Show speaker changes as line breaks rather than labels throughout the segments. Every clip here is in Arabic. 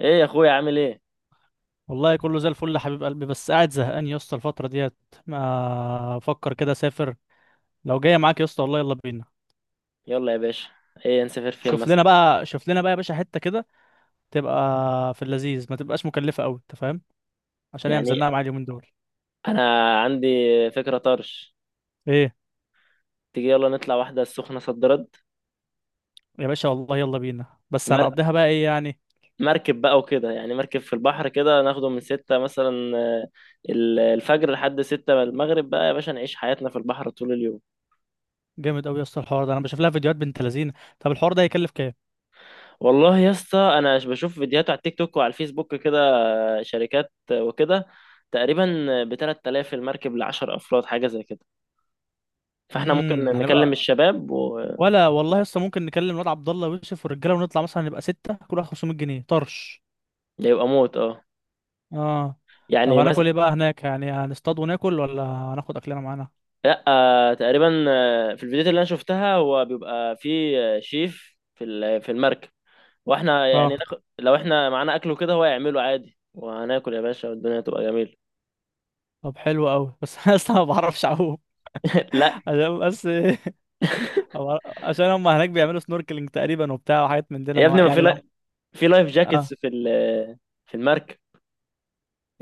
ايه يا اخويا عامل ايه؟
والله كله زي الفل يا حبيب قلبي، بس قاعد زهقان يا اسطى الفترة ديت. ما افكر كده اسافر. لو جاية معاك يا اسطى والله يلا بينا.
يلا يا باشا. ايه نسافر فين
شوف
مثلا؟
لنا بقى شوف لنا بقى يا باشا حتة كده تبقى في اللذيذ، ما تبقاش مكلفة قوي، انت فاهم؟ عشان هي
يعني
مزنقة معايا اليومين دول.
انا عندي فكرة طرش.
ايه
تيجي يلا نطلع واحدة السخنة صد رد.
يا باشا، والله يلا بينا،
في
بس
مر...
هنقضيها بقى ايه يعني؟
مركب بقى وكده، يعني مركب في البحر كده، ناخده من 6 مثلا، الفجر لحد 6 المغرب بقى يا باشا، نعيش حياتنا في البحر طول اليوم.
جامد قوي يا اسطى الحوار ده. انا بشوف لها فيديوهات بنت لذينه. طب الحوار ده هيكلف كام؟
والله يا اسطى انا بشوف فيديوهات على التيك توك وعلى الفيسبوك كده، شركات وكده. تقريبا ب 3000 المركب ل 10 افراد حاجة زي كده. فاحنا ممكن نكلم
هنبقى،
الشباب ويبقى
ولا والله يا اسطى ممكن نكلم الواد عبد الله ويوسف والرجاله، ونطلع مثلا نبقى ستة، كل واحد 500 جنيه طرش.
موت، اه.
اه. طب
يعني
هناكل
مثلا.
ايه بقى هناك يعني؟ هنصطاد وناكل ولا هناخد اكلنا معانا؟
لا، تقريبا، في الفيديوهات اللي انا شفتها هو بيبقى فيه شيف في المركب. واحنا يعني
اه.
ناخد لو احنا معانا اكل وكده هو يعمله عادي وهناكل يا باشا والدنيا تبقى جميله.
طب حلو قوي بس انا اصلا ما بعرفش اعوم.
لا
عشان بس عشان هم هناك بيعملوا سنوركلينج تقريبا وبتاع، وحاجات من دي
يا
لما
ابني، ما في،
يعني لو.
لا، في لايف جاكيتس
اه.
في المركب.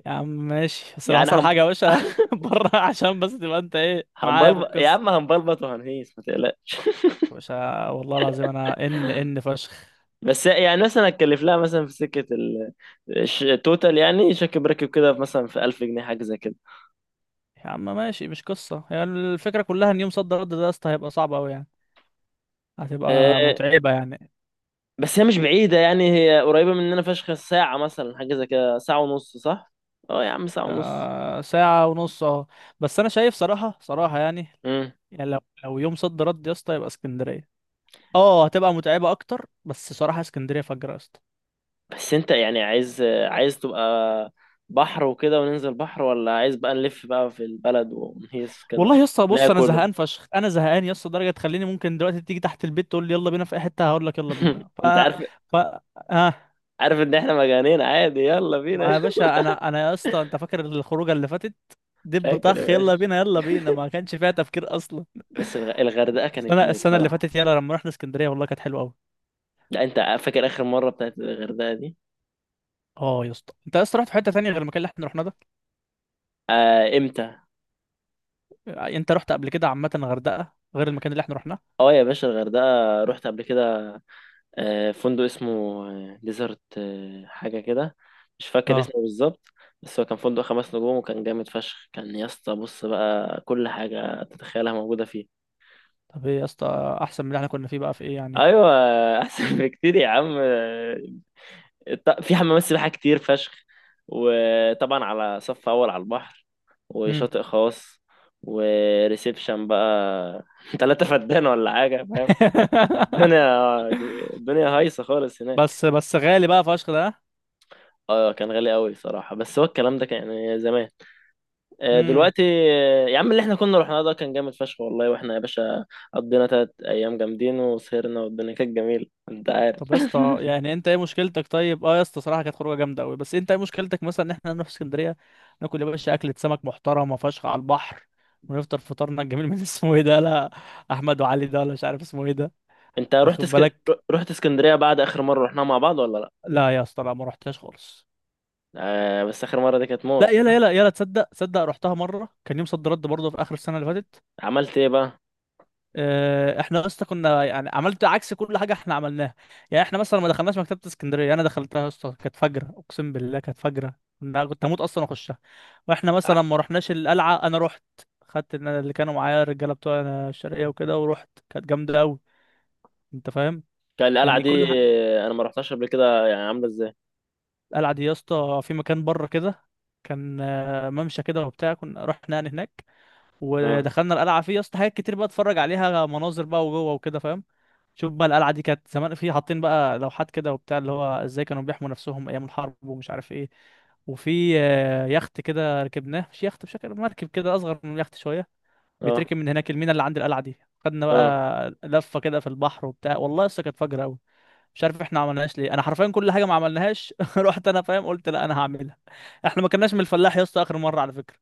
يا عم ماشي، بس لو
يعني
حصل حاجه
هم،
يا باشا بره، عشان بس تبقى انت ايه معايا في
هنبلبط يا
القصه.
عم، هنبلبط وهنهيس ما تقلقش
يا باشا والله العظيم انا ان فشخ.
بس يعني مثلا هتكلف لها مثلا في سكه التوتال، يعني شكل بركب كده مثلا في 1000 جنيه حاجه زي كده.
يا عم ماشي، مش قصه، يعني الفكره كلها ان يوم صد رد ده يا اسطى هيبقى صعب قوي يعني، هتبقى
آه،
متعبه يعني.
بس هي مش بعيدة، يعني هي قريبة مننا فشخ، ساعة مثلا حاجة زي كده، ساعة ونص صح؟ اه يا عم ساعة ونص.
ساعة ونص اهو. بس انا شايف صراحة يعني،
مم.
يعني لو يوم صد رد يا اسطى يبقى اسكندرية. اه هتبقى متعبة اكتر، بس صراحة اسكندرية فجرة يا اسطى.
بس انت يعني عايز تبقى بحر وكده وننزل بحر، ولا عايز بقى نلف بقى في البلد ونهيس كده
والله يا اسطى بص، انا
وناكل؟
زهقان فشخ، انا زهقان يا اسطى لدرجة تخليني ممكن دلوقتي تيجي تحت البيت تقول لي يلا بينا في اي حتة هقول لك يلا بينا. ف
انت عارف،
ف اه.
ان احنا مجانين، عادي يلا بينا
ما يا باشا انا يا اسطى انت فاكر الخروجة اللي فاتت؟ دب
فاكر يا
طخ
باشا.
يلا بينا يلا بينا، ما كانش فيها تفكير اصلا.
بس الغردقة كانت
السنة
موت
السنة اللي
صراحة.
فاتت يلا لما رحنا اسكندرية والله كانت حلوة قوي.
لا انت فاكر اخر مرة بتاعت الغردقة دي؟
اه يا اسطى انت اصلا رحت في حته تانية غير المكان اللي احنا رحناه ده.
آه، امتى؟
انت رحت قبل كده عامه غردقه غير المكان اللي احنا رحناه.
اه يا باشا الغردقة رحت قبل كده. فندق اسمه ديزرت حاجة كده، مش فاكر
اه.
اسمه بالظبط. بس هو كان فندق خمس نجوم وكان جامد فشخ، كان يا اسطى بص بقى كل حاجة تتخيلها موجودة فيه.
طب ايه يا اسطى احسن من اللي احنا كنا فيه بقى في ايه يعني؟
أيوة، أحسن بكتير يا عم. في حمامات سباحة كتير فشخ، وطبعا على صف أول على البحر،
امم
وشاطئ خاص، وريسبشن بقى 3 فدان ولا حاجة، فاهم. الدنيا، الدنيا هايصة خالص هناك.
بس غالي بقى فشخ ده.
اه كان غالي قوي صراحة، بس هو الكلام ده كان يعني زمان.
امم
دلوقتي. يا عم اللي احنا كنا رحنا ده كان جامد فشخ والله، واحنا يا باشا قضينا 3 ايام جامدين وسهرنا والدنيا كانت جميلة، انت عارف.
طب يا اسطى يعني انت ايه مشكلتك؟ طيب اه يا اسطى صراحه كانت خروجه جامده قوي، بس انت ايه مشكلتك مثلا ان احنا نروح اسكندريه؟ ناكل يا باشا اكله سمك محترمه فشخ على البحر، ونفطر فطارنا الجميل من اسمه ايه ده؟ لا، احمد وعلي ده، ولا مش عارف اسمه ايه ده،
انت رحت
واخد
اسك...
بالك؟
رحت اسكندرية بعد اخر مرة رحناها مع بعض ولا لا؟
لا يا اسطى لا، ما رحتهاش خالص.
آه بس اخر مرة دي كانت
لا،
موت،
يلا
ها؟
يلا يلا، تصدق تصدق رحتها مره، كان يوم صد رد برضه في اخر السنه اللي فاتت.
عملت ايه بقى؟
احنا يا اسطى كنا يعني عملت عكس كل حاجه احنا عملناها. يعني احنا مثلا ما دخلناش مكتبه اسكندريه، انا دخلتها يا اسطى كانت فجره، اقسم بالله كانت فجره، كنت هموت اصلا اخشها. واحنا
ع-
مثلا ما رحناش القلعه، انا رحت. خدت إن أنا اللي كانوا معايا الرجاله بتوع الشرقيه وكده، ورحت كانت جامده قوي، انت فاهم؟
كان القلعة
يعني
دي،
كل
انا ما رحتهاش قبل كده، يعني عاملة ازاي؟
القلعه دي يا اسطى في مكان بره كده، كان ممشى كده وبتاع، كنا رحنا يعني هناك
اه،
ودخلنا القلعه. فيه يا اسطى حاجات كتير بقى اتفرج عليها، مناظر بقى وجوه وكده، فاهم؟ شوف بقى، القلعه دي كانت زمان في حاطين بقى لوحات كده وبتاع، اللي هو ازاي كانوا بيحموا نفسهم ايام الحرب ومش عارف ايه. وفي يخت كده ركبناه، مش يخت، بشكل مركب كده، اصغر من اليخت شويه.
اه،
بيتركب من هناك المينا اللي عند القلعه دي، خدنا
اه.
بقى لفه كده في البحر وبتاع، والله لسه كانت فجر قوي. مش عارف احنا ما عملناهاش ليه، انا حرفيا كل حاجه ما عملناهاش رحت انا فاهم، قلت لا انا هعملها. احنا ما كناش من الفلاح يا اسطى اخر مره على فكره،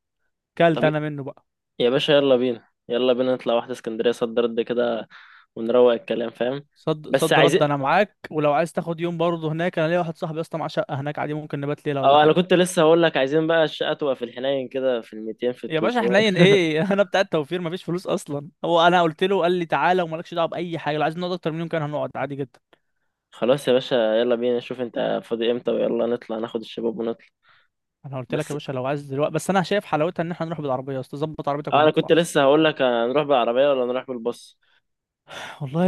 طب
كلت انا منه بقى.
يا باشا يلا بينا، يلا بينا نطلع واحدة اسكندرية صد رد كده ونروق الكلام، فاهم.
صد
بس
صد رد
عايزين،
انا معاك، ولو عايز تاخد يوم برضه هناك انا ليا واحد صاحبي يا اسطى معاه شقه هناك، عادي ممكن نبات ليله ولا
اه انا
حاجه.
كنت لسه هقول لك عايزين بقى الشقه تبقى في الحنين كده، في ال 200 في ال
يا باشا
300
حنين ايه؟ انا بتاع التوفير مفيش فلوس اصلا. هو انا قلت له قال لي تعالى ومالكش دعوه باي حاجه، لو عايز نقعد اكتر من يوم كان هنقعد عادي جدا.
خلاص يا باشا، يلا بينا نشوف انت فاضي امتى ويلا نطلع ناخد الشباب ونطلع.
انا قلت لك يا
بس
باشا لو عايز دلوقتي، بس انا شايف حلاوتها ان احنا نروح بالعربيه يا اسطى، ظبط عربيتك
اه انا كنت
ونطلع.
لسه هقول لك هنروح بالعربيه ولا نروح بالباص؟
والله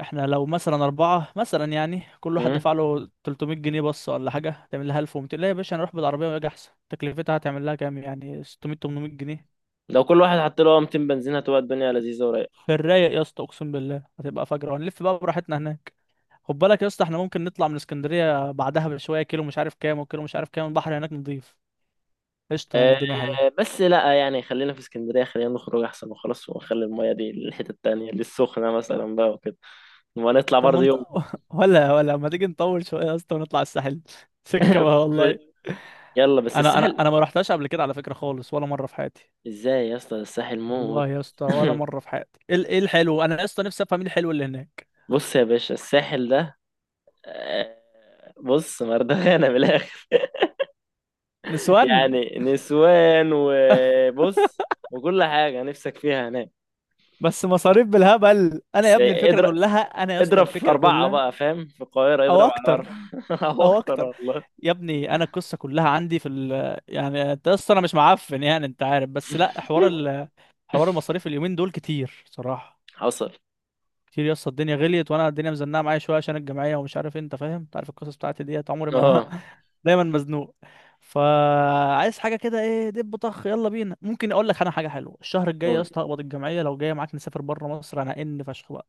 احنا لو مثلا أربعة مثلا، يعني كل واحد
امم،
دفع له 300 جنيه بس ولا حاجة، تعمل لها 1200. لا يا باشا هنروح بالعربية ويجي أحسن، تكلفتها هتعمل لها كام؟ يعني 600 800 جنيه.
لو كل واحد حط له 200 بنزين هتبقى الدنيا لذيذه ورايقه.
في الرايق يا اسطى أقسم بالله هتبقى فجرة، وهنلف بقى براحتنا هناك. خد بالك يا اسطى، احنا ممكن نطلع من اسكندرية بعدها بشوية كيلو مش عارف كام، وكيلو مش عارف كام البحر هناك نضيف. قشطة، يعني
آه
الدنيا حلوة.
بس لا، يعني خلينا في اسكندريه، خلينا نخرج احسن وخلاص، ونخلي المايه دي للحته التانيه للسخنه مثلا بقى وكده، ونطلع
طب ما
برضه
انت
يوم.
ولا ما تيجي نطول شوية يا اسطى ونطلع الساحل سكة بقى والله.
يلا بس
انا انا
الساحل.
انا ما رحتهاش قبل كده على فكرة خالص، ولا مرة في حياتي.
ازاي يا اسطى الساحل
والله
موت.
يا اسطى ولا مره في حياتي. ايه إيه الحلو؟ انا يا اسطى نفسي افهم ايه الحلو اللي هناك؟
بص يا باشا الساحل ده، آه، بص مردغانا من الاخر
نسوان
يعني نسوان، وبص وكل حاجه نفسك فيها هناك.
بس مصاريف بالهبل، انا يا
بس
ابني الفكره
اضرب،
كلها، انا يا اسطى
اضرب في
الفكره
اربعه
كلها.
بقى فاهم، في القاهره
او
اضرب على
اكتر،
اربعه او
او
اكتر
اكتر.
والله.
يا ابني انا القصه كلها عندي في ال، يعني انت يا اسطى انا مش معفن يعني انت عارف، بس لا، حوار المصاريف اليومين دول كتير صراحه.
حصل،
كتير يا اسطى، الدنيا غليت، وانا الدنيا مزنقه معايا شويه عشان الجمعيه ومش عارف انت فاهم، انت عارف القصص بتاعتي ديت، عمري ما
اه.
دايما مزنوق. فعايز حاجه كده ايه، دب طخ يلا بينا. ممكن اقول لك انا حاجه حلوه، الشهر الجاي يا
قول.
اسطى هقبض الجمعيه، لو جايه معاك نسافر بره مصر انا فشخ بقى.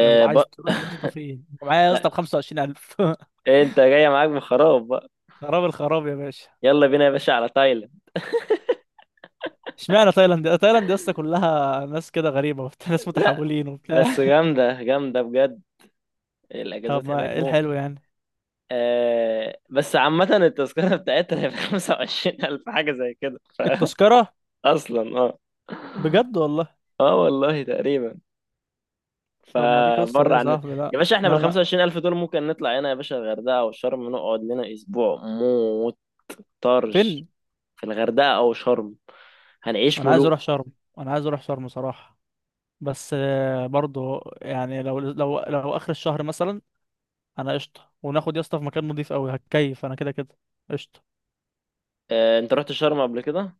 لو
بق...
عايز تروح يا اسطى فين معايا يا
لا
اسطى ب 25000
انت جاي معاك بخراب بقى.
خراب الخراب يا باشا.
يلا بينا يا باشا على تايلاند.
اشمعنى تايلاند؟ تايلاند يا اسطى كلها ناس كده غريبه وبتاع ناس
لا
متحولين وبتاع.
بس جامده جامده بجد،
طب
الاجازات هناك
ما ايه
موت.
الحلو يعني؟
آه بس عامة التذكرة بتاعتنا هي بخمسة وعشرين ألف حاجة زي كده
التذكره
أصلا اه.
بجد والله؟
اه والله تقريبا.
طب ما دي قصه دي
فبره
يا
عن.
صاحبي، لا.
يا باشا احنا
لا
بال
لا.
25000 ألف دول ممكن نطلع هنا يا باشا الغردقة أو شرم نقعد لنا أسبوع موت. طرش.
فين؟
في الغردقة أو شرم هنعيش
انا عايز
ملوك.
اروح شرم. انا عايز اروح شرم صراحة. بس برضو يعني لو اخر الشهر مثلا انا قشطة، وناخد يا اسطى في مكان نضيف قوي هتكيف انا، كده كده قشطة.
اه، أنت رحت شرم قبل كده؟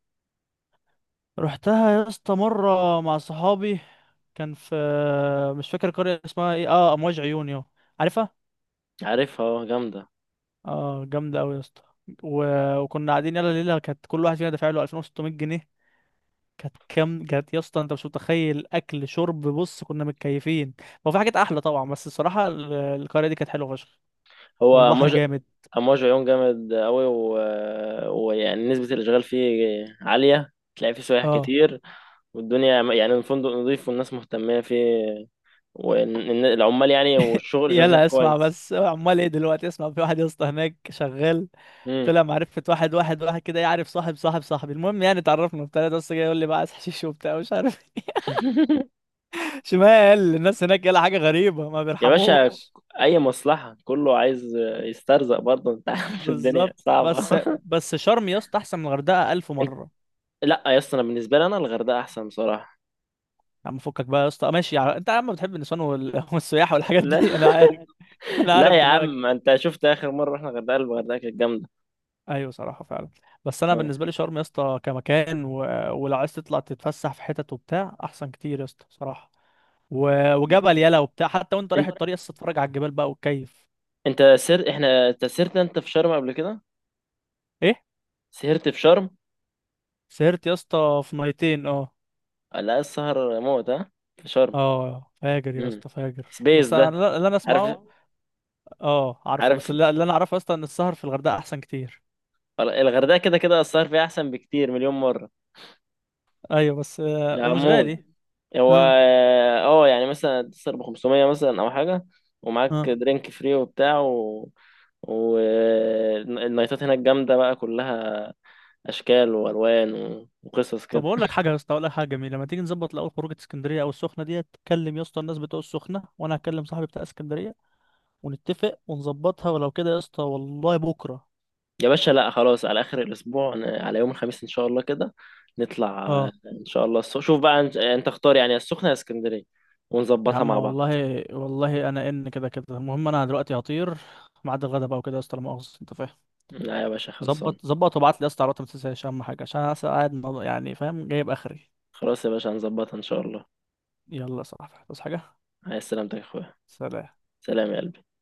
رحتها يا اسطى مرة مع صحابي. كان في، مش فاكر قرية اسمها ايه، اه امواج عيون يو، عارفها؟
عارفها، اه جامدة.
اه جامدة قوي يا اسطى. و... وكنا قاعدين يلا ليلة، كانت كل واحد فينا دافع له 2600 جنيه. كانت كام؟ كانت يا اسطى انت مش متخيل، اكل شرب بص كنا متكيفين. هو في حاجات احلى طبعا، بس الصراحه القريه دي كانت حلوه فشخ،
هو
والبحر
موج،
جامد.
موج عيون جامد أوي. و... ويعني نسبة الإشغال فيه عالية، تلاقي فيه سياح
اه.
كتير، والدنيا يعني الفندق نظيف والناس مهتمة فيه، والعمال يعني والشغل شغال هناك
يلا اسمع،
كويس.
بس عمال ايه دلوقتي؟ اسمع، في واحد يا اسطى هناك شغال،
امم.
طلع معرفه واحد كده يعرف صاحب صاحبي. المهم يعني اتعرفنا وبتاع ده، بس جاي يقول لي بقى عايز حشيش وبتاع مش عارف ايه. شمال الناس هناك يلا، حاجه غريبه، ما
يا باشا
بيرحموش.
أي مصلحة كله عايز يسترزق برضه أنت عارف الدنيا
بالظبط.
صعبة.
بس شرم يا اسطى احسن من الغردقه الف
أنت،
مره.
لا يا اسطى، أنا بالنسبة لي أنا الغردقة أحسن بصراحة.
يا عم فكك بقى يا اسطى، ماشي يعني انت يا عم بتحب النسوان والسياحه والحاجات
لا
دي، انا عارف انا عارف
لا يا
دماغك.
عم، أنت شفت آخر مرة رحنا الغردقة، الغردقة كانت جامدة.
ايوه صراحه فعلا، بس انا
آه.
بالنسبه لي شرم يا اسطى كمكان ولو عايز تطلع تتفسح في حتت وبتاع احسن كتير يا اسطى صراحه. وجبل يلا وبتاع، حتى وانت رايح
أنت
الطريق لسه تتفرج على الجبال بقى وتكيف.
أنت سر إحنا، أنت سهرت أنت في شرم قبل كده؟
ايه؟
سهرت في شرم؟
سهرت يا اسطى في ميتين اه.
لا السهر موت، ها، في شرم.
اه فاجر يا
امم،
اسطى فاجر.
سبيس
بس انا
ده.
اللي انا
عارف،
اسمعه. اه عارفه، بس
عارف
اللي انا اعرفه يا اسطى ان السهر في الغردقه احسن كتير.
الغردقة كده كده السهر فيها أحسن بكتير مليون مرة.
ايوه، بس ومش
العمود،
غالي.
مم. هو
اه.
اه، يعني مثلا تسهر ب 500 مثلا أو حاجة، ومعاك
اه.
درينك فري وبتاع، و... والنايتات هناك جامدة بقى كلها، أشكال وألوان وقصص
طب
كده.
اقول لك حاجه يا اسطى، اقول لك حاجه جميله، ما تيجي نظبط الاول خروجه اسكندريه او السخنه ديت؟ تكلم يا اسطى الناس بتوع السخنه، وانا هكلم صاحبي بتاع اسكندريه، ونتفق ونظبطها، ولو كده يا اسطى والله بكره.
يا باشا لا خلاص، على آخر الأسبوع على يوم الخميس إن شاء الله كده، نطلع
اه.
إن شاء الله. شوف بقى أنت اختار يعني السخنة يا اسكندرية
يا
ونظبطها
عم
مع بعض.
والله والله انا ان كده كده، المهم انا دلوقتي هطير، ميعاد الغدا بقى وكده يا اسطى لا مؤاخذه، انت فاهم.
لا يا باشا خلصان.
ظبط وابعت لي يا اسطى على الوقت ما تنساش، اهم حاجه عشان انا لسه قاعد يعني فاهم، جايب اخري.
خلاص يا باشا هنظبطها إن شاء الله.
يلا يا صاحبي تصحى حاجه.
عايز سلامتك يا أخويا.
سلام.
سلام يا قلبي.